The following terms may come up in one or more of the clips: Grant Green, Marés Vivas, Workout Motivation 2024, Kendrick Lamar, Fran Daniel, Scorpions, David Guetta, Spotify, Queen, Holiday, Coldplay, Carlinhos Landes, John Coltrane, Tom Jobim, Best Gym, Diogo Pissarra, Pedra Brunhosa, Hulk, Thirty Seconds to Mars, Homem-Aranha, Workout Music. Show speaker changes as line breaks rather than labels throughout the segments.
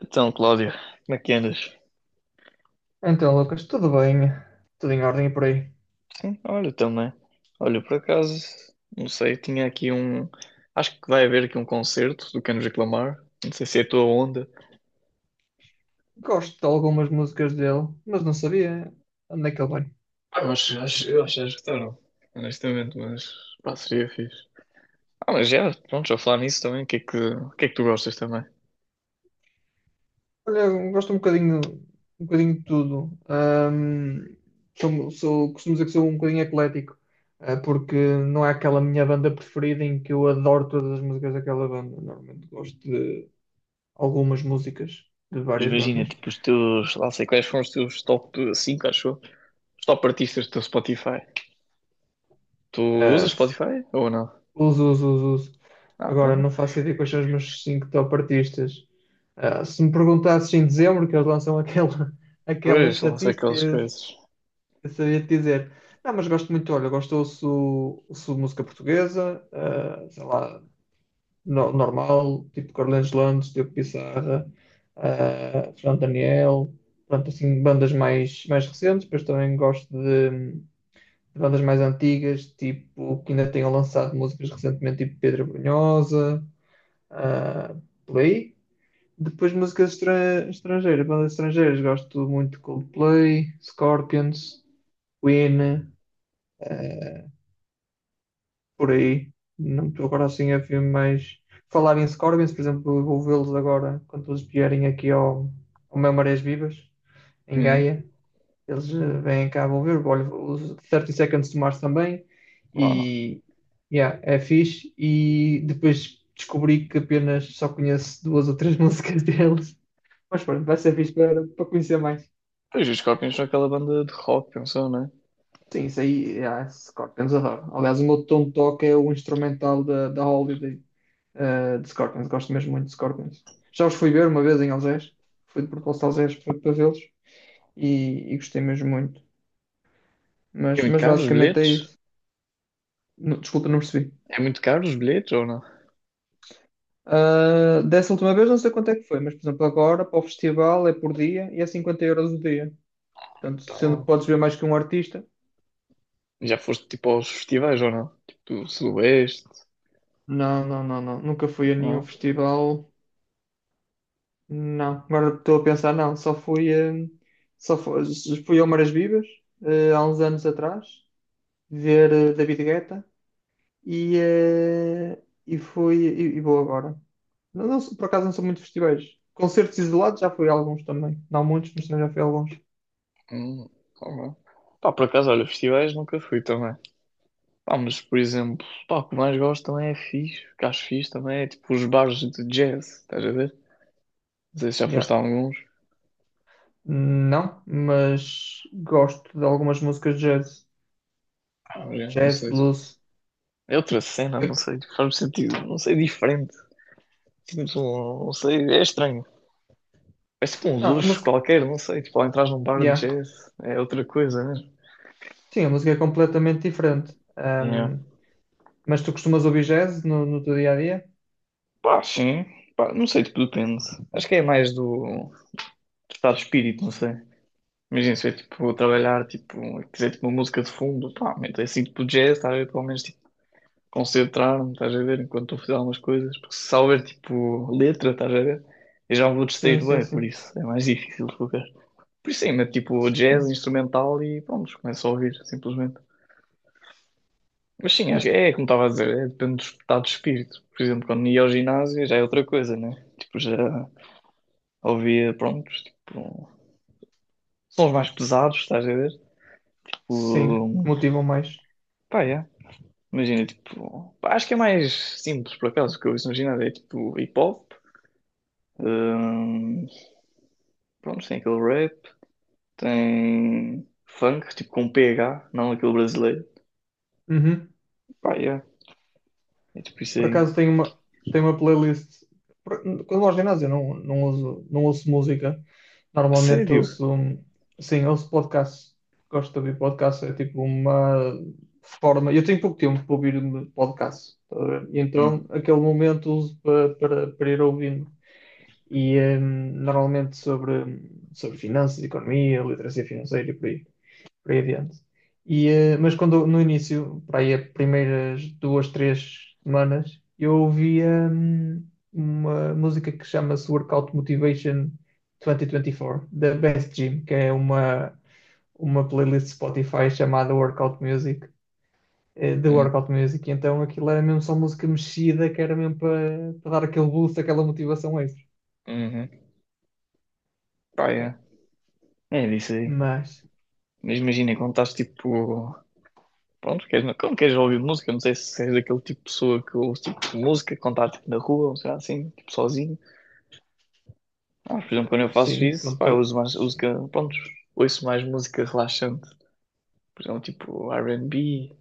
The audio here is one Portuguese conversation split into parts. Então, Cláudio, como é que andas?
Então, Lucas, tudo bem? Tudo em ordem e por aí.
Sim, olha, também. Olha, por acaso, não sei, tinha aqui um. Acho que vai haver aqui um concerto do Kendrick Lamar. Não sei se é a tua onda.
Gosto de algumas músicas dele, mas não sabia onde é que ele vai.
Eu acho que já escutaram, honestamente, mas pá, seria fixe. Ah, mas já, pronto, já falar nisso também. O que é que tu gostas também?
Olha, eu gosto um bocadinho de tudo. Costumo dizer que sou um bocadinho eclético, porque não é aquela minha banda preferida em que eu adoro todas as músicas daquela banda. Normalmente gosto de algumas músicas de
Mas
várias
imagina,
bandas.
tipo, os teus. Lá sei quais foram os teus top 5, acho eu. Os top artistas do teu Spotify. Tu usas
Eh,
Spotify ou não?
Uso, uso, uso, uso.
Ah,
Agora
então.
não faço ideia quais são os meus cinco top artistas. Ah, se me perguntasses em dezembro, que eles lançam aquela, aquela
Pois, lá sei
estatística,
aquelas
eu
coisas.
eu sabia te dizer. Não, mas gosto muito, olha, ouço música portuguesa, ah, sei lá, normal, tipo Carlinhos Landes, Diogo Pissarra, ah, Fran Daniel, pronto, assim, bandas mais recentes, depois também gosto de bandas mais antigas, tipo, que ainda tenham lançado músicas recentemente, tipo Pedra Brunhosa, ah, por aí. Depois músicas estrangeiras, bandas estrangeiras, gosto muito de Coldplay, Scorpions, Queen, ah, por aí. Não estou agora assim a ver mais. Falar em Scorpions, por exemplo, eu vou vê-los agora quando eles vierem aqui ao meu Marés Vivas, em
Uhum.
Gaia. Eles vêm cá, vão ver. Olha, os thirty Seconds to Mars também. E yeah, é fixe. E depois descobri que apenas só conheço duas ou três músicas deles. Mas pronto, vai ser fixe para conhecer mais.
Pois os Scorpions são aquela banda de rock, pensou, não é?
Sim, isso aí, yeah, é Scorpions adoro. Aliás, o meu tom de toque é o instrumental da Holiday, de Scorpions. Gosto mesmo muito de Scorpions. Já os fui ver uma vez em Algés. Fui de propósito a Algés para vê-los e gostei mesmo muito.
É
Mas,
muito
mas
caro os
basicamente é
bilhetes?
isso. Desculpa, não percebi.
É muito caro os bilhetes ou não?
Ah, dessa última vez não sei quanto é que foi, mas por exemplo agora para o festival é por dia e é 50 € o dia. Portanto, sendo que
Então,
podes ver mais que um artista.
já foste tipo aos festivais ou não? Tipo Sudoeste,
Não, não, não, não. Nunca fui a nenhum
não?
festival. Não. Agora estou a pensar, não. Só fui ao Maras Vivas, há uns anos atrás, ver David Guetta e fui e vou agora. Não, por acaso não sou muito de festivais. Concertos isolados já fui a alguns também. Não muitos, mas também já fui a alguns.
Hum, ou não? Pá, por acaso, olha, festivais nunca fui também. Pá, mas por exemplo, pá, o que mais gosto também é fixe, o que acho fixe também é tipo os bares de jazz, estás a ver? Não sei se já foste
Yeah.
a alguns.
Não, mas gosto de algumas músicas de jazz.
Ah, já, não
Jazz,
sei.
blues.
É outra cena, não sei, faz-me sentido, não sei, diferente. Sinto, não sei, é estranho. É tipo um
Não, a
luxo
música.
qualquer, não sei. Tipo, ao entrar num bar de
Yeah.
jazz é outra coisa, né?
Sim, a música é completamente diferente.
Yeah.
Mas tu costumas ouvir jazz no teu dia a dia?
Pá, sim. Pá, não sei, tipo, depende. Acho que é mais do estado de espírito, não sei. Imagina se eu, tipo, trabalhar, tipo, quiser, tipo, uma música de fundo, pá, meto assim, tipo, jazz, estar a ver, pelo menos, tipo, concentrar-me, estás a ver, enquanto estou a fazer algumas coisas. Porque se só houver, tipo, letra, estás a ver, eu já me vou
Sim,
distrair
sim,
bem, por
sim.
isso é mais difícil de focar. Por isso, sim, meto, tipo, jazz,
Sim,
instrumental e, pronto, começo a ouvir, simplesmente. Mas sim, acho
yeah.
que é como estava a dizer, é, depende do estado de espírito. Por exemplo, quando ia ao ginásio já é outra coisa, né? Tipo, já ouvia, pronto, tipo, sons mais pesados, estás a ver?
Sim,
Tipo,
que motivam mais.
pá, é. Imagina, tipo, pá, acho que é mais simples, por acaso, o que eu ouço no ginásio é tipo hip hop, hum, pronto, tem aquele rap, tem funk, tipo com PH, não aquele brasileiro,
Uhum.
pá, é. É tipo isso
Por
aí.
acaso tenho uma playlist. Quando vou ao ginásio, eu não uso, não ouço música.
A
Normalmente
sério?
ouço, sim, ouço podcasts. Gosto de ouvir podcasts. É tipo uma forma. Eu tenho pouco tempo para ouvir podcasts. Tá a ver? E
Hum,
então, aquele momento uso para ir ouvindo. E normalmente sobre finanças, economia, literacia financeira e por aí adiante. E, mas quando no início, para aí as primeiras duas, três semanas, eu ouvia uma música que chama-se Workout Motivation 2024, da Best Gym, que é uma playlist Spotify chamada Workout Music, de
hum,
Workout Music. E então aquilo era mesmo só música mexida, que era mesmo para dar aquele boost, aquela motivação extra.
uhum, pá,
É.
é. É disso aí.
Mas,
Mas imagina, quando estás tipo. Pronto, queres, quando queres ouvir música, não sei se és daquele tipo de pessoa que ouve tipo de música, quando está tipo, na rua, ou sei lá, assim, tipo sozinho. Ah, por exemplo, quando eu faço
sim,
isso, pá, eu
contudo.
uso mais música. Pronto, ouço mais música relaxante. Por exemplo, tipo R&B.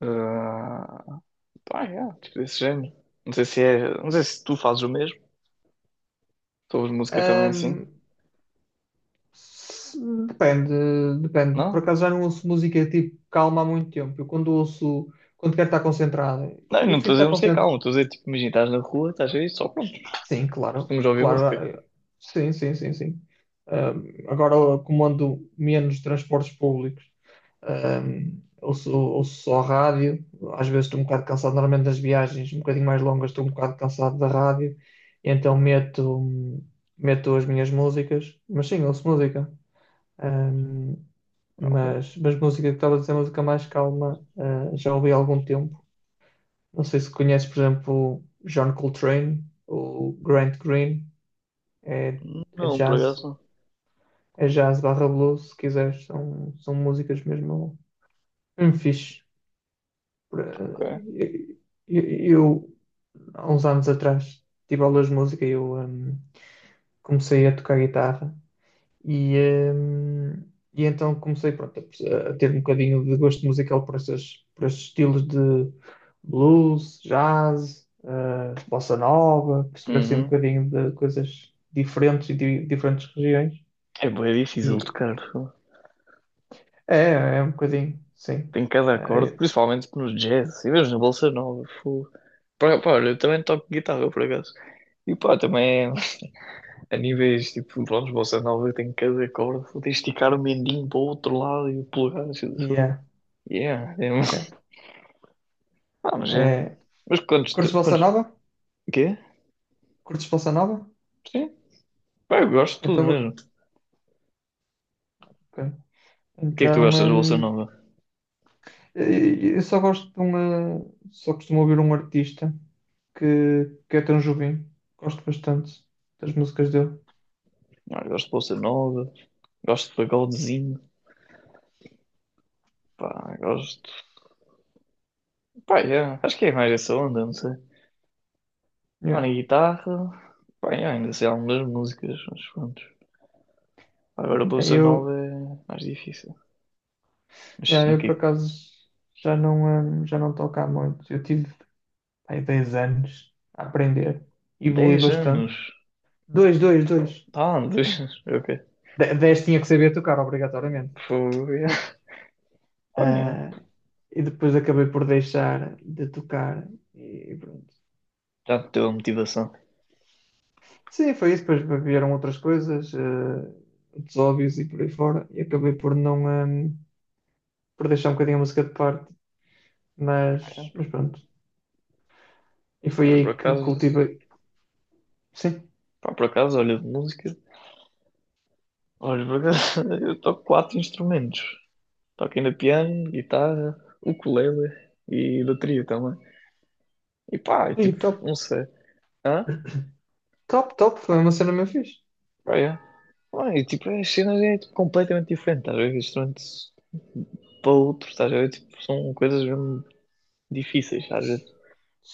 ah Pá, yeah, tipo desse género. Não sei se é. Não sei se tu fazes o mesmo. Tu ouves música também assim.
Se- depende. Por
Não?
acaso já não ouço música tipo calma há muito tempo. Eu quando quero estar concentrado,
Não, eu
eu
não
prefiro
estou a
estar
dizer música,
concentrado.
calma. Estou a dizer, tipo, imagina, estás na rua, estás aí, só pronto.
Sim, claro,
Costumas ouvir
claro.
música.
Sim, sim, sim, sim. Agora como ando menos transportes públicos, ouço só rádio. Às vezes estou um bocado cansado, normalmente nas viagens um bocadinho mais longas, estou um bocado cansado da rádio, e então meto as minhas músicas, mas sim, ouço música. Ahm,
Ah, ok.
mas música que estava a dizer, música mais calma, ah, já ouvi há algum tempo. Não sei se conheces, por exemplo, John Coltrane ou Grant Green, é, é
Não, por acaso
jazz,
não.
é jazz barra blues, se quiseres, são músicas mesmo, mesmo fixe. Por-
Ok.
eh, eu, há uns anos atrás, tive aulas de música e eu comecei a tocar guitarra E, hum, e então comecei, pronto, a ter um bocadinho de gosto musical por esses estilos de blues, jazz, bossa nova, perceber assim um
Uhum.
bocadinho de coisas diferentes e de diferentes regiões.
É bem difícil
E
tocar. Fogo.
é um bocadinho, sim.
Tem cada acorde,
É,
principalmente no jazz. E mesmo na Bolsa Nova. Fogo. Pá, olha, eu também toco guitarra, por acaso. E pá, também a níveis, tipo, pronto, Bolsa Nova tem cada acorde. Vou ter que esticar o mendinho para o outro lado e o polegar. Assim,
e
assim.
é,
Yeah, é um-
é.
Ah, mas é.
É,
Mas quantos...
curtes bossa
quantos...
nova?
O quê?
Curtes bossa nova?
Sim? Pá, eu gosto de tudo
Então,
mesmo.
ok.
O que é que tu
Então,
gostas de Bolsa Nova?
Eu só gosto de uma. Só costumo ouvir um artista que é Tom Jobim. Gosto bastante das músicas dele.
Ah, eu gosto de Bolsa Nova. Gosto de pagodezinho. Pá, gosto... Pá, yeah. Acho que é mais essa onda, não sei. Pá,
Yeah.
na guitarra, bem ainda sei algumas músicas, mas pronto. Agora a bolsa nova
Eu,
é mais difícil. Mas
yeah, eu
5
por acaso já não toco há muito. Eu tive aí 10 anos a aprender. Evolui
10 anos.
bastante. Dois, dois, dois.
Ah, 2 anos. Ok.
10 tinha que saber tocar, obrigatoriamente.
Foi. Yeah. Pá, yeah.
Ah, e depois acabei por deixar de tocar. E pronto.
Já me deu a motivação.
Sim, foi isso. Depois vieram outras coisas, outros óbvios e por aí fora. E acabei por não, eh, por deixar um bocadinho a música de parte.
Yeah.
Mas pronto. E foi
Mas
aí
por
que
acaso,
cultivei. Sim.
pá, por acaso, olha, de música. Olha, por acaso, eu toco 4 instrumentos. Toco ainda piano, guitarra, ukulele e bateria também. E pá, é
E
tipo,
top,
não sei. Hã?
top, top. Foi uma cena mesmo fixe.
Ah, é. Ah, e tipo, as cenas é tipo, completamente diferente, às vezes ver? Isto não é para outro, estás a ver? Tipo, são coisas mesmo difíceis, às vezes.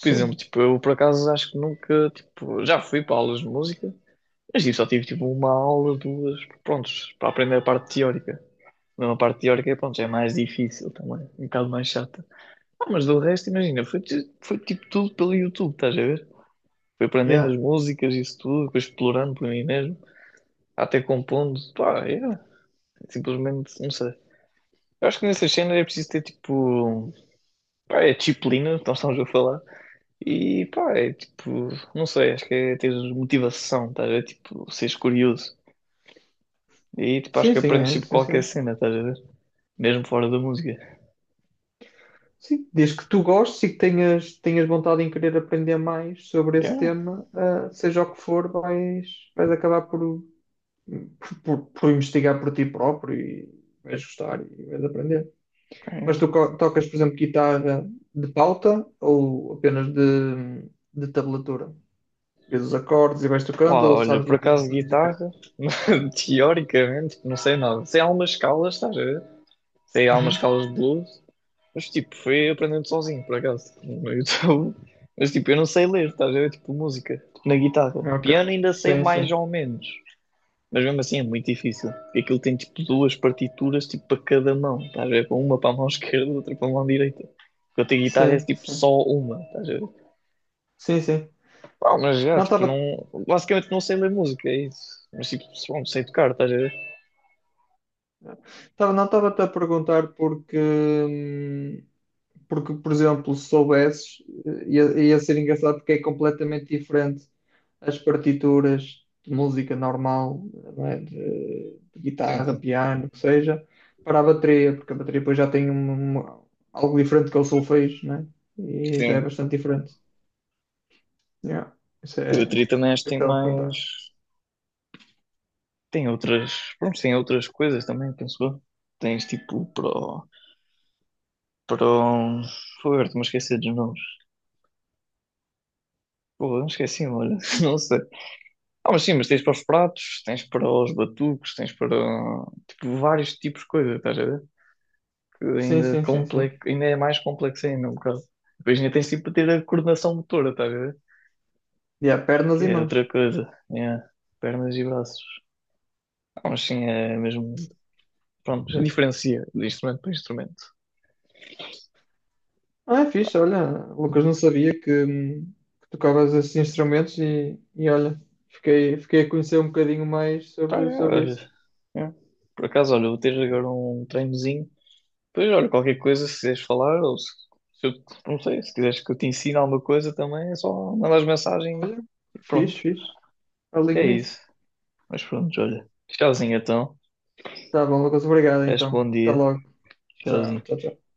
Por exemplo, tipo, eu por acaso acho que nunca, tipo, já fui para aulas de música, mas tipo, só tive tipo uma aula, duas, prontos, para aprender a parte teórica. Não, a parte teórica, pronto, já é mais difícil também, um bocado mais chata. Ah, mas do resto, imagina, foi, foi tipo tudo pelo YouTube, estás a ver? Fui aprendendo
Yeah.
as músicas, isso tudo, depois explorando por mim mesmo, até compondo, pá, é. Simplesmente, não sei. Eu acho que nessas cenas é preciso ter tipo. Pá, é disciplina, nós estamos a falar. E pá, é tipo. Não sei, acho que é ter motivação, estás a ver? Tipo, seres curioso. E tipo, acho
Sim,
que
sim,
aprendes
é
tipo qualquer
essencial.
cena, estás a ver? Mesmo fora da música.
Sim, desde que tu gostes e que tenhas vontade em querer aprender mais sobre esse
Yeah,
tema, seja o que for, vais acabar por investigar por ti próprio e vais gostar e vais aprender.
yeah.
Mas tu tocas, por exemplo, guitarra de pauta ou apenas de tablatura? Vês os acordes e vais tocando
Pá,
ou
olha,
sabes
por
ler as
acaso
notas musicais?
guitarra, teoricamente, não sei nada. Sei algumas escalas, estás a ver? Sei algumas
Uhum.
escalas de blues. Mas tipo, foi aprendendo sozinho, por acaso, tipo, no YouTube. Mas tipo, eu não sei ler, estás a ver? Tipo, música, tipo, na guitarra.
Ok.
Piano ainda sei
Sim,
mais
sim.
ou menos. Mas mesmo assim é muito difícil. Porque aquilo tem tipo duas partituras tipo para cada mão, estás a ver? Com uma para a mão esquerda, outra para a mão direita. Eu tenho guitarra é
Sim,
tipo
sim.
só uma, estás a ver?
Sim, sim.
Pá, mas já,
Não,
tipo,
estava
não. Basicamente não sei ler música, é isso. Mas tipo, pronto, sei tocar, estás a ver?
Não, estava-te a perguntar porque, por exemplo, se soubesses, ia ser engraçado porque é completamente diferente as partituras de música normal, não é? De
Sim,
guitarra,
sim.
piano, o que seja, para a bateria, porque a bateria depois já tem algo diferente que é o solfejo, não é? E já é
Sim.
bastante diferente. Yeah. Isso
E a
é o
bateria também acho que
que
tem
estava a
mais.
perguntar.
Tem outras, pronto, tem outras coisas também, penso eu. Tens tipo pro, foi, agora estou-me a dos nomes. Porra, não esqueci, olha, não sei. Ah, mas sim, mas tens para os pratos, tens para os batucos, tens para tipo vários tipos de coisa, estás a ver? Que
Sim,
ainda
sim, sim, sim.
complexo, ainda é mais complexo ainda, um bocado. Depois ainda tens tipo para ter a coordenação motora, estás a ver?
Yeah, pernas
Que
e
é
mãos.
outra coisa, é pernas e braços. Ah, mas sim, é mesmo, pronto,
Yeah.
diferencia de instrumento para instrumento.
Ah, é fixe, olha, Lucas, não sabia que tocavas esses instrumentos e olha, fiquei a conhecer um bocadinho mais
Pá,
sobre,
é,
sobre
olha,
isso.
é. Por acaso, olha, vou ter agora um treinozinho. Pois, olha, qualquer coisa, se quiseres falar, ou se eu, não sei, se quiseres que eu te ensine alguma coisa também, é só mandares mensagem
Olha,
e pronto.
fixe, fixe, alinho
É
nisso.
isso. Mas pronto, olha. Tchauzinho então.
Tá bom, Lucas, obrigado
Este
então.
bom
Até
dia.
logo. Tchau,
Tchauzinho.
tchau, tchau.